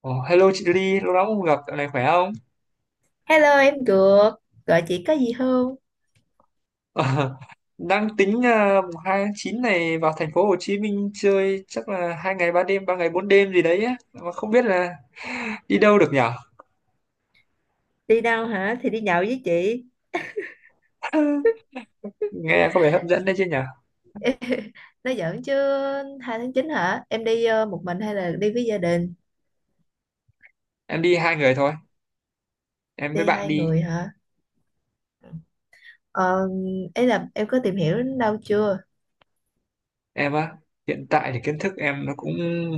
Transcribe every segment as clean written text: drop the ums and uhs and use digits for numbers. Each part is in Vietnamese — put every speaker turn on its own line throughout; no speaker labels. Ồ, hello chị Ly, lâu lắm không gặp, dạo này khỏe không?
Hello em Cược, gọi chị có gì không?
Đang tính mùng 2 tháng 9 này vào thành phố Hồ Chí Minh chơi chắc là hai ngày ba đêm, ba ngày bốn đêm gì đấy á. Mà không biết là đi đâu được nhở?
Đi đâu hả? Thì đi nhậu với chị.
Nghe có vẻ hấp dẫn đấy chứ nhở?
Nói giỡn chứ 2/9 hả? Em đi một mình hay là đi với gia đình?
Em đi hai người thôi, em với
Đi
bạn
hai
đi.
người hả? Ờ, ấy là em có tìm hiểu đến đâu chưa?
Em á, hiện tại thì kiến thức em nó cũng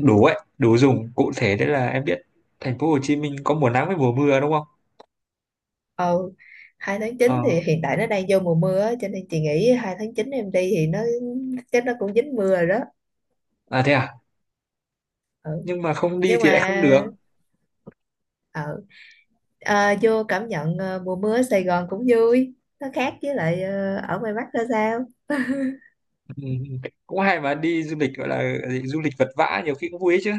đủ ấy, đủ dùng. Cụ thể đấy là em biết thành phố Hồ Chí Minh có mùa nắng với mùa mưa đúng không?
Ờ, 2 tháng chín
Ờ,
thì hiện tại nó đang vô mùa mưa á, cho nên chị nghĩ 2/9 em đi thì nó chắc nó cũng dính mưa rồi đó.
à thế à?
Ừ.
Nhưng mà không đi
Nhưng
thì lại không được.
mà ờ, vô cảm nhận mùa mưa ở Sài Gòn cũng vui. Nó khác với lại ở ngoài Bắc ra sao?
Ừ, ừ, cũng hay mà đi du lịch gọi là gì, du lịch vật vã nhiều khi cũng vui ấy chứ.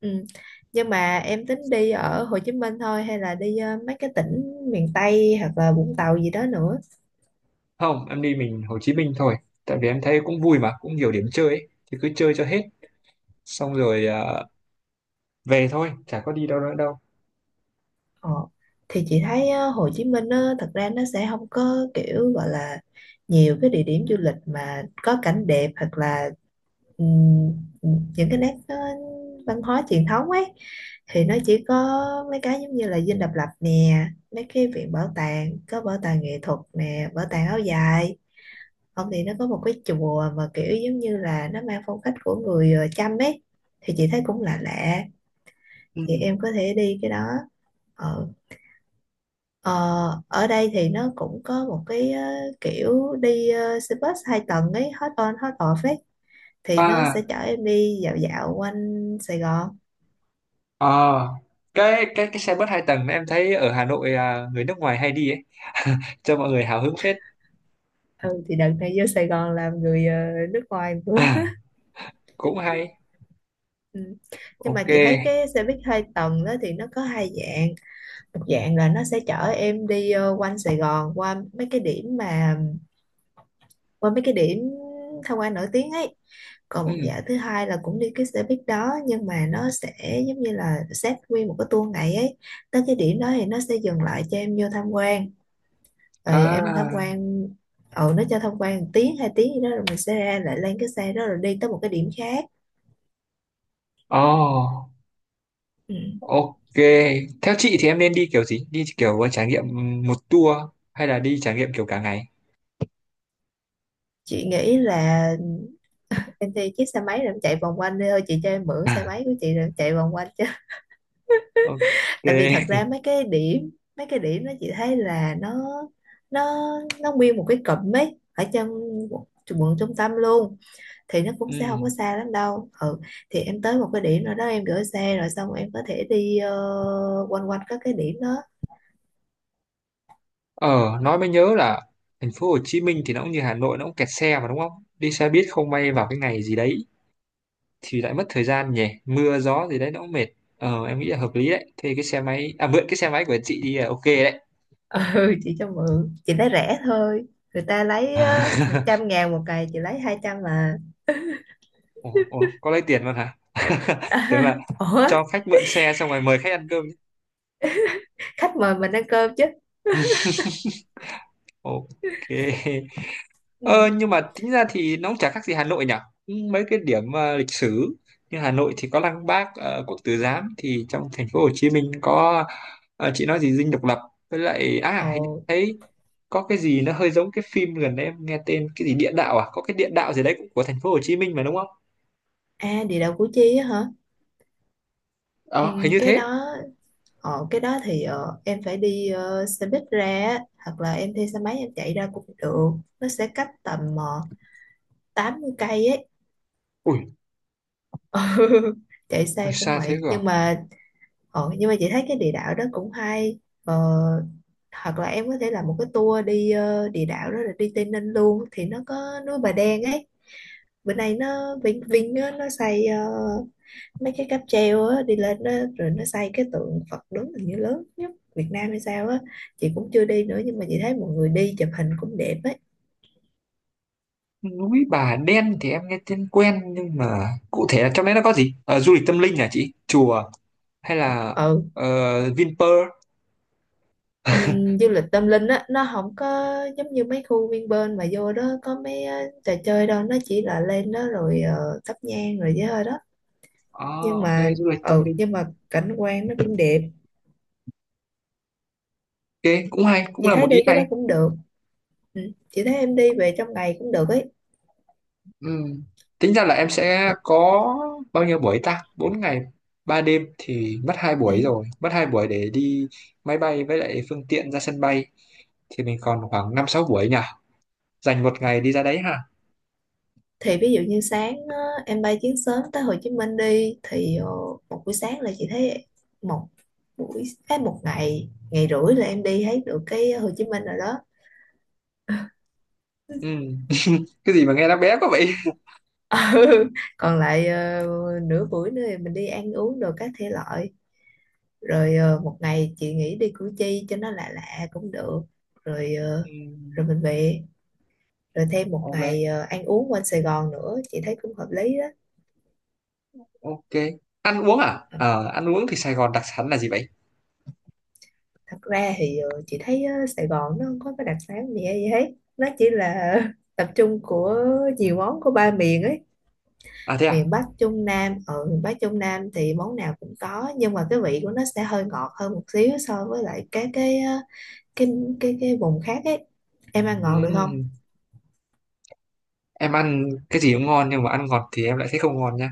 Ừ. Nhưng mà em tính đi ở Hồ Chí Minh thôi hay là đi mấy cái tỉnh miền Tây hoặc là Vũng Tàu gì đó nữa?
Không, em đi mình Hồ Chí Minh thôi, tại vì em thấy cũng vui mà cũng nhiều điểm chơi ấy. Thì cứ chơi cho hết xong rồi về thôi, chả có đi đâu nữa đâu.
Ờ, thì chị thấy á, Hồ Chí Minh á, thật ra nó sẽ không có kiểu gọi là nhiều cái địa điểm du lịch mà có cảnh đẹp hoặc là ừm, những cái nét văn hóa truyền thống ấy thì nó chỉ có mấy cái giống như là Dinh Độc Lập nè, mấy cái viện bảo tàng có bảo tàng nghệ thuật nè bảo tàng áo dài, không thì nó có một cái chùa mà kiểu giống như là nó mang phong cách của người Chăm ấy thì chị thấy cũng lạ lạ,
Ừ.
thì em có thể đi cái đó. Ờ, ờ, ở đây thì nó cũng có một cái kiểu đi xe bus hai tầng ấy, hot on hot off ấy, thì nó
À,
sẽ chở em đi dạo dạo quanh Sài Gòn.
à, cái xe bus hai tầng em thấy ở Hà Nội à, người nước ngoài hay đi ấy. Cho mọi người hào hứng phết.
Ừ thì đợt này vô Sài Gòn làm người nước ngoài nữa
À, cũng hay.
ừ. Nhưng mà
Ok.
chị thấy cái xe buýt hai tầng đó thì nó có hai dạng, một dạng là nó sẽ chở em đi quanh Sài Gòn qua mấy cái điểm, mà qua mấy cái điểm tham quan nổi tiếng ấy. Còn
Ừ.
một dạo thứ hai là cũng đi cái xe buýt đó nhưng mà nó sẽ giống như là xếp nguyên một cái tour ngày ấy, tới cái điểm đó thì nó sẽ dừng lại cho em vô tham quan rồi em tham
À.
quan, ừ nó cho tham quan một tiếng hai tiếng gì đó rồi mình sẽ ra lại lên cái xe đó rồi đi tới một cái điểm khác.
Oh.
Ừ.
Ok, theo chị thì em nên đi kiểu gì? Đi kiểu trải nghiệm một tour hay là đi trải nghiệm kiểu cả ngày?
Chị nghĩ là em thuê chiếc xe máy rồi em chạy vòng quanh đi thôi, chị cho em mượn xe máy của chị rồi em chạy vòng quanh,
Ok.
tại vì thật ra mấy cái điểm nó chị thấy là nó nó nguyên một cái cụm ấy ở trong quận quận trung tâm luôn, thì nó cũng
Ừ.
sẽ không có xa lắm đâu, ừ thì em tới một cái điểm nào đó em gửi xe rồi xong em có thể đi quanh quanh các cái điểm đó.
Ờ, nói mới nhớ là thành phố Hồ Chí Minh thì nó cũng như Hà Nội, nó cũng kẹt xe mà đúng không? Đi xe buýt không may vào cái ngày gì đấy thì lại mất thời gian nhỉ? Mưa gió gì đấy nó cũng mệt. Ờ, em nghĩ là hợp lý đấy. Thế cái xe máy, à mượn cái xe máy của chị đi là ok đấy.
Ừ chị cho mượn chị lấy rẻ thôi, người ta lấy một trăm ngàn một cày chị lấy 200 mà.
Ủa, có lấy tiền luôn hả? Tưởng là
Ủa,
cho khách mượn xe xong rồi mời khách ăn cơm chứ.
khách mời mình ăn cơm chứ.
Ok. Ờ,
Ừ.
nhưng mà tính ra thì nó cũng chả khác gì Hà Nội nhỉ? Mấy cái điểm lịch sử như Hà Nội thì có Lăng Bác, Quốc Tử Giám, thì trong thành phố Hồ Chí Minh có ờ, chị nói gì Dinh Độc Lập, với lại à
Ồ.
hình như thấy có cái gì nó hơi giống cái phim gần đây em nghe tên cái gì địa đạo à? Có cái địa đạo gì đấy cũng của thành phố Hồ Chí Minh mà đúng không?
À địa đạo Củ Chi á hả, ừ,
Ờ, hình như
cái
thế.
đó. Ờ, cái đó thì em phải đi xe buýt ra á, hoặc là em thuê xe máy em chạy ra cũng được, nó sẽ cách tầm 80 cây ấy.
Ui,
Ừ, chạy
ui
xe
xa
cũng
thế
mệt
cơ à?
nhưng mà nhưng mà chị thấy cái địa đạo đó cũng hay. Ờ, hoặc là em có thể làm một cái tour đi địa đạo đó rồi đi Tây Ninh luôn thì nó có núi Bà Đen ấy, bữa nay nó Vinh Vinh á, nó xây mấy cái cáp treo á đi lên đó, rồi nó xây cái tượng Phật đứng hình như lớn nhất Việt Nam hay sao á, chị cũng chưa đi nữa nhưng mà chị thấy mọi người đi chụp hình cũng đẹp ấy.
Núi Bà Đen thì em nghe tên quen nhưng mà cụ thể là trong đấy nó có gì? Ờ, du lịch tâm linh à chị? Chùa hay là
Ừ,
Vinpearl.
du lịch tâm linh á nó không có giống như mấy khu Vinpearl mà vô đó có mấy trò chơi đâu, nó chỉ là lên đó rồi thắp nhang rồi với thôi đó, nhưng
À, ok,
mà
du lịch tâm
ừ
linh.
nhưng mà cảnh quan nó cũng đẹp.
Ok, cũng hay, cũng
Chị
là
thấy
một
đi
ý
cái đó
hay.
cũng được, ừ, chị thấy em đi về trong ngày cũng được ấy.
Ừ. Tính ra là em sẽ có bao nhiêu buổi ta? 4 ngày, 3 đêm thì mất 2 buổi rồi.
Ừ.
Mất 2 buổi để đi máy bay với lại phương tiện ra sân bay. Thì mình còn khoảng năm sáu buổi nhỉ? Dành một ngày đi ra đấy ha.
Thì ví dụ như sáng á, em bay chuyến sớm tới Hồ Chí Minh đi thì một buổi sáng là chị thấy một buổi một ngày ngày rưỡi là em đi thấy được cái Hồ Chí Minh rồi đó.
Ừ. Cái gì mà nghe nó bé quá vậy?
Ừ. Còn lại nửa buổi nữa thì mình đi ăn uống đồ các thể loại, rồi một ngày chị nghĩ đi Củ Chi cho nó lạ lạ cũng được, rồi ờ,
Ừ.
rồi mình về rồi thêm một
Ok,
ngày ăn uống quanh Sài Gòn nữa chị thấy cũng hợp lý đó.
ok. Ăn uống à? Ờ, ăn uống thì Sài Gòn đặc sản là gì vậy?
Thật ra thì chị thấy Sài Gòn nó không có cái đặc sản gì hay gì hết, nó chỉ là tập trung của nhiều món của ba miền ấy,
À thế à?
miền Bắc Trung Nam. Ở miền Bắc Trung Nam thì món nào cũng có nhưng mà cái vị của nó sẽ hơi ngọt hơn một xíu so với lại các cái cái cái vùng khác ấy, em ăn
Ừ.
ngọt được không.
Em ăn cái gì cũng ngon nhưng mà ăn ngọt thì em lại thấy không ngon nha.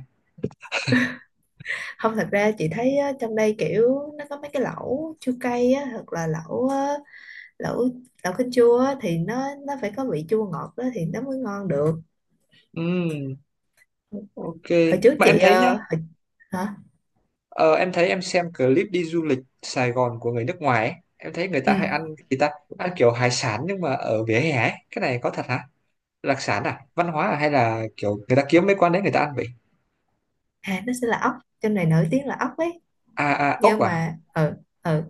Không, thật ra chị thấy trong đây kiểu nó có mấy cái lẩu chua cay á, hoặc là lẩu ờ, lẩu lẩu kinh chua á, thì nó phải có vị chua ngọt đó thì nó mới ngon được. Ừ.
Ừ. Ok,
Hồi trước
mà em
chị
thấy nhá,
hồi, hả,
ờ, em thấy em xem clip đi du lịch Sài Gòn của người nước ngoài ấy, em thấy người
ừ.
ta hay ăn gì ta, ăn kiểu hải sản nhưng mà ở vỉa hè ấy, cái này có thật hả? Đặc sản à? Văn hóa à? Hay là kiểu người ta kiếm mấy quán đấy người ta ăn vậy?
À nó sẽ là ốc, trong này nổi tiếng là ốc ấy,
À, à, ốc
nhưng
à?
mà ừ, ừ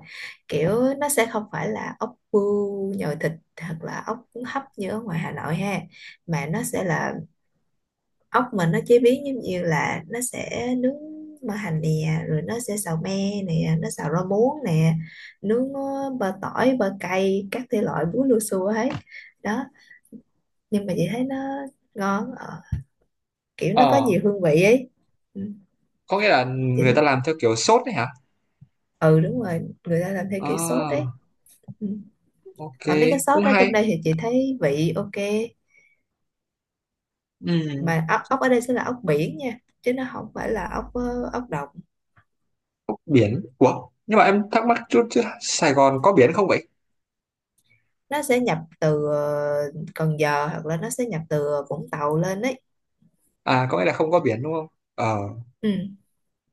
kiểu nó sẽ không phải là ốc bươu nhồi thịt hoặc là ốc cuốn hấp như ở ngoài Hà Nội ha, mà nó sẽ là ốc mà nó chế biến giống như là nó sẽ nướng mỡ hành nè, rồi nó sẽ xào me nè, nó xào rau muống nè, nướng bơ tỏi bơ cay các thể loại, bún lua xua hết đó, nhưng mà chị thấy nó ngon, kiểu nó có
Ờ,
nhiều hương vị ấy. Ừ.
có nghĩa là
Chị,
người ta làm theo kiểu sốt đấy hả?
ừ đúng rồi, người ta làm theo kiểu sốt đấy.
À,
Ừ.
ok,
Mà mấy cái
cũng
sốt đó
hay.
trong đây thì chị thấy vị ok,
Ừ,
mà ốc ốc ở đây sẽ là ốc biển nha, chứ nó không phải là ốc ốc đồng,
ốc biển. Ủa, nhưng mà em thắc mắc chút chứ Sài Gòn có biển không vậy?
nó sẽ nhập từ Cần Giờ hoặc là nó sẽ nhập từ Vũng Tàu lên đấy.
À, có nghĩa là không có biển đúng không? Ờ,
Ừ.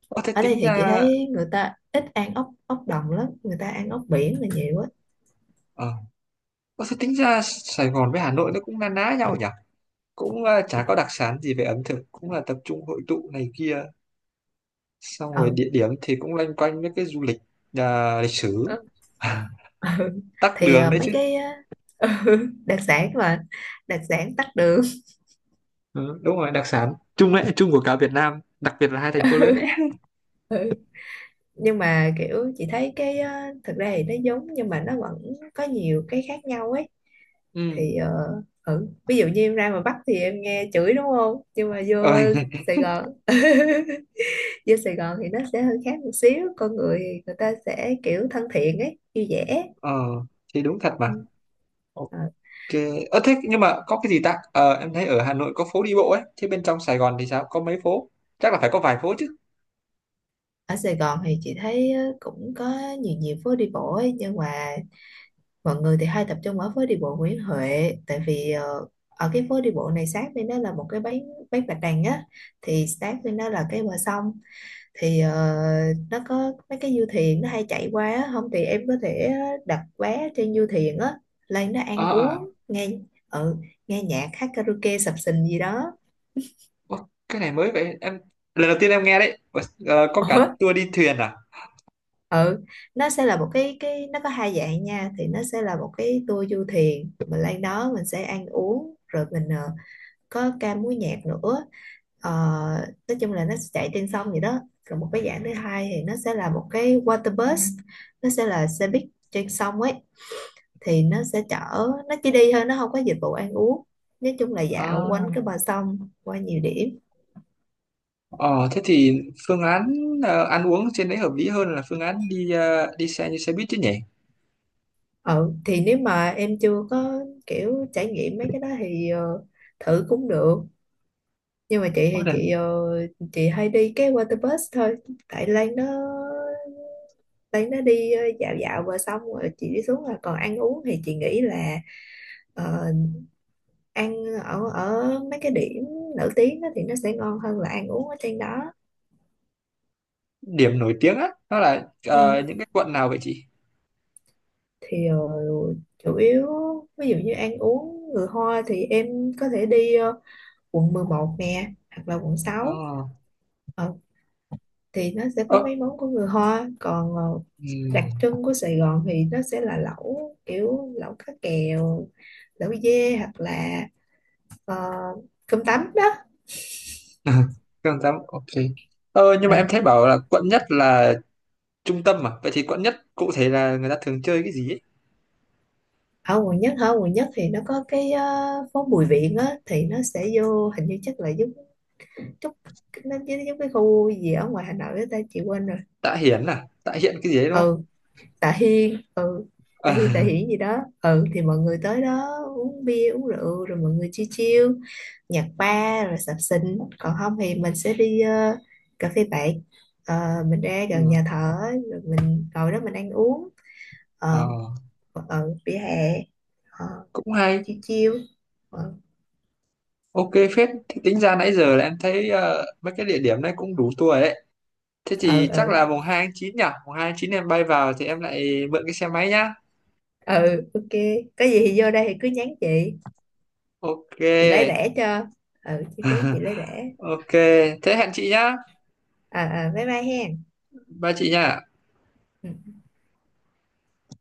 có thế
Ở đây
tính
thì chị
ra...
thấy người ta ít ăn ốc ốc đồng lắm, người ta ăn ốc biển là nhiều á.
Ờ, ủa, thế tính ra Sài Gòn với Hà Nội nó cũng na ná nhau nhỉ? Cũng ờ, chả có đặc sản gì về ẩm thực, cũng là tập trung hội tụ này kia. Xong rồi
Ừ.
địa điểm thì cũng loanh quanh với cái du lịch, à, lịch sử.
Ừ. Ừ.
Tắc
Thì
đường đấy
mấy
chứ.
cái ờ, đặc sản mà, đặc sản tắt đường.
Ừ, đúng rồi, đặc sản chung đấy, chung của cả Việt Nam, đặc biệt là hai thành phố lớn đấy.
Ừ. Nhưng mà kiểu chị thấy cái thực ra thì nó giống nhưng mà nó vẫn có nhiều cái khác nhau ấy,
Ừ.
thì ừ. Ví dụ như em ra ngoài Bắc thì em nghe chửi đúng không, nhưng mà vô
Ờ,
Sài Gòn vô Sài Gòn thì nó sẽ hơi khác một xíu, con người thì người ta sẽ kiểu thân thiện ấy, vui vẻ.
ờ, thì đúng thật mà.
Ừ. Ờ,
Ok. Ờ thế nhưng mà có cái gì ta? Ờ, em thấy ở Hà Nội có phố đi bộ ấy, thế bên trong Sài Gòn thì sao? Có mấy phố? Chắc là phải có vài phố chứ.
ở Sài Gòn thì chị thấy cũng có nhiều nhiều phố đi bộ ấy, nhưng mà mọi người thì hay tập trung ở phố đi bộ Nguyễn Huệ, tại vì ở cái phố đi bộ này sát bên đó là một cái bãi, bạch đằng á, thì sát bên đó là cái bờ sông, thì nó có mấy cái du thuyền nó hay chạy qua á, không thì em có thể đặt vé trên du thuyền á, lên đó ăn
Ờ ờ.
uống nghe, ừ, nghe nhạc hát karaoke sập sình gì đó.
Ủa, cái này mới vậy em, lần đầu tiên em nghe đấy. Ủa, ờ, có
Ủa?
cả tour đi thuyền à.
Ừ nó sẽ là một cái nó có hai dạng nha, thì nó sẽ là một cái tour du thuyền mình lên đó mình sẽ ăn uống rồi mình có ca múa nhạc nữa. Ờ, nói chung là nó sẽ chạy trên sông vậy đó. Còn một cái dạng thứ hai thì nó sẽ là một cái water bus, nó sẽ là xe buýt trên sông ấy, thì nó sẽ chở, nó chỉ đi thôi nó không có dịch vụ ăn uống, nói chung là dạo quanh
À,
cái bờ sông qua nhiều điểm.
ờ thế thì phương án ăn uống trên đấy hợp lý hơn là phương án đi đi xe như xe buýt chứ nhỉ.
Ừ thì nếu mà em chưa có kiểu trải nghiệm mấy cái đó thì thử cũng được, nhưng mà chị
Có
thì
là
chị chị hay đi cái water bus thôi, tại Lan nó đấy nó đi dạo dạo và xong rồi chị đi xuống, là còn ăn uống thì chị nghĩ là ờ, ăn ở ở mấy cái điểm nổi tiếng đó thì nó sẽ ngon hơn là ăn uống ở trên đó.
điểm nổi tiếng á nó là
Ừ.
những cái quận nào vậy chị?
Thì chủ yếu ví dụ như ăn uống người Hoa thì em có thể đi quận 11 nè hoặc là quận
Ờ
sáu Ờ, thì nó sẽ có
ờ,
mấy món của người Hoa, còn đặc
ừm.
trưng của Sài Gòn thì nó sẽ là lẩu, kiểu lẩu cá kèo, lẩu dê, hoặc là ờ, cơm tấm đó.
Không dám, ok. Ờ nhưng
Ờ,
mà em thấy bảo là quận nhất là trung tâm mà, vậy thì quận nhất cụ thể là người ta thường chơi cái gì ấy?
ở quận nhất hả, quận nhất thì nó có cái phố Bùi Viện á, thì nó sẽ vô hình như chắc là giống chút, nó giống giống cái khu gì ở ngoài Hà Nội á ta, chị quên rồi,
Tạ Hiển à, Tạ Hiện cái gì đấy đúng không?
ừ Tạ Hiên, ừ Tạ Hiên Tạ Hiển gì đó, ừ thì mọi người tới đó uống bia uống rượu rồi mọi người chill chill nhạc bar rồi sập sình, còn không thì mình sẽ đi cà phê bạn. Ờ, mình ra gần
Ừ.
nhà thờ á, rồi mình ngồi đó mình ăn uống
Ờ,
ờ, vỉa hè, ờ,
cũng hay.
chill chill. Ờ,
Ok phết, thì tính ra nãy giờ là em thấy mấy cái địa điểm này cũng đủ tour rồi đấy. Thế
ừ,
thì chắc
ừ,
là mùng 2 tháng 9 nhỉ? Mùng 2 tháng 9 em bay vào thì em lại mượn cái xe máy nhá.
ừ ok, có gì thì vô đây thì cứ nhắn chị
Ok,
chị lấy rẻ cho, ừ chi phí chị lấy rẻ.
ok. Thế hẹn chị nhá.
À, à bye bye hen.
Ba chị nhá.
Ừ.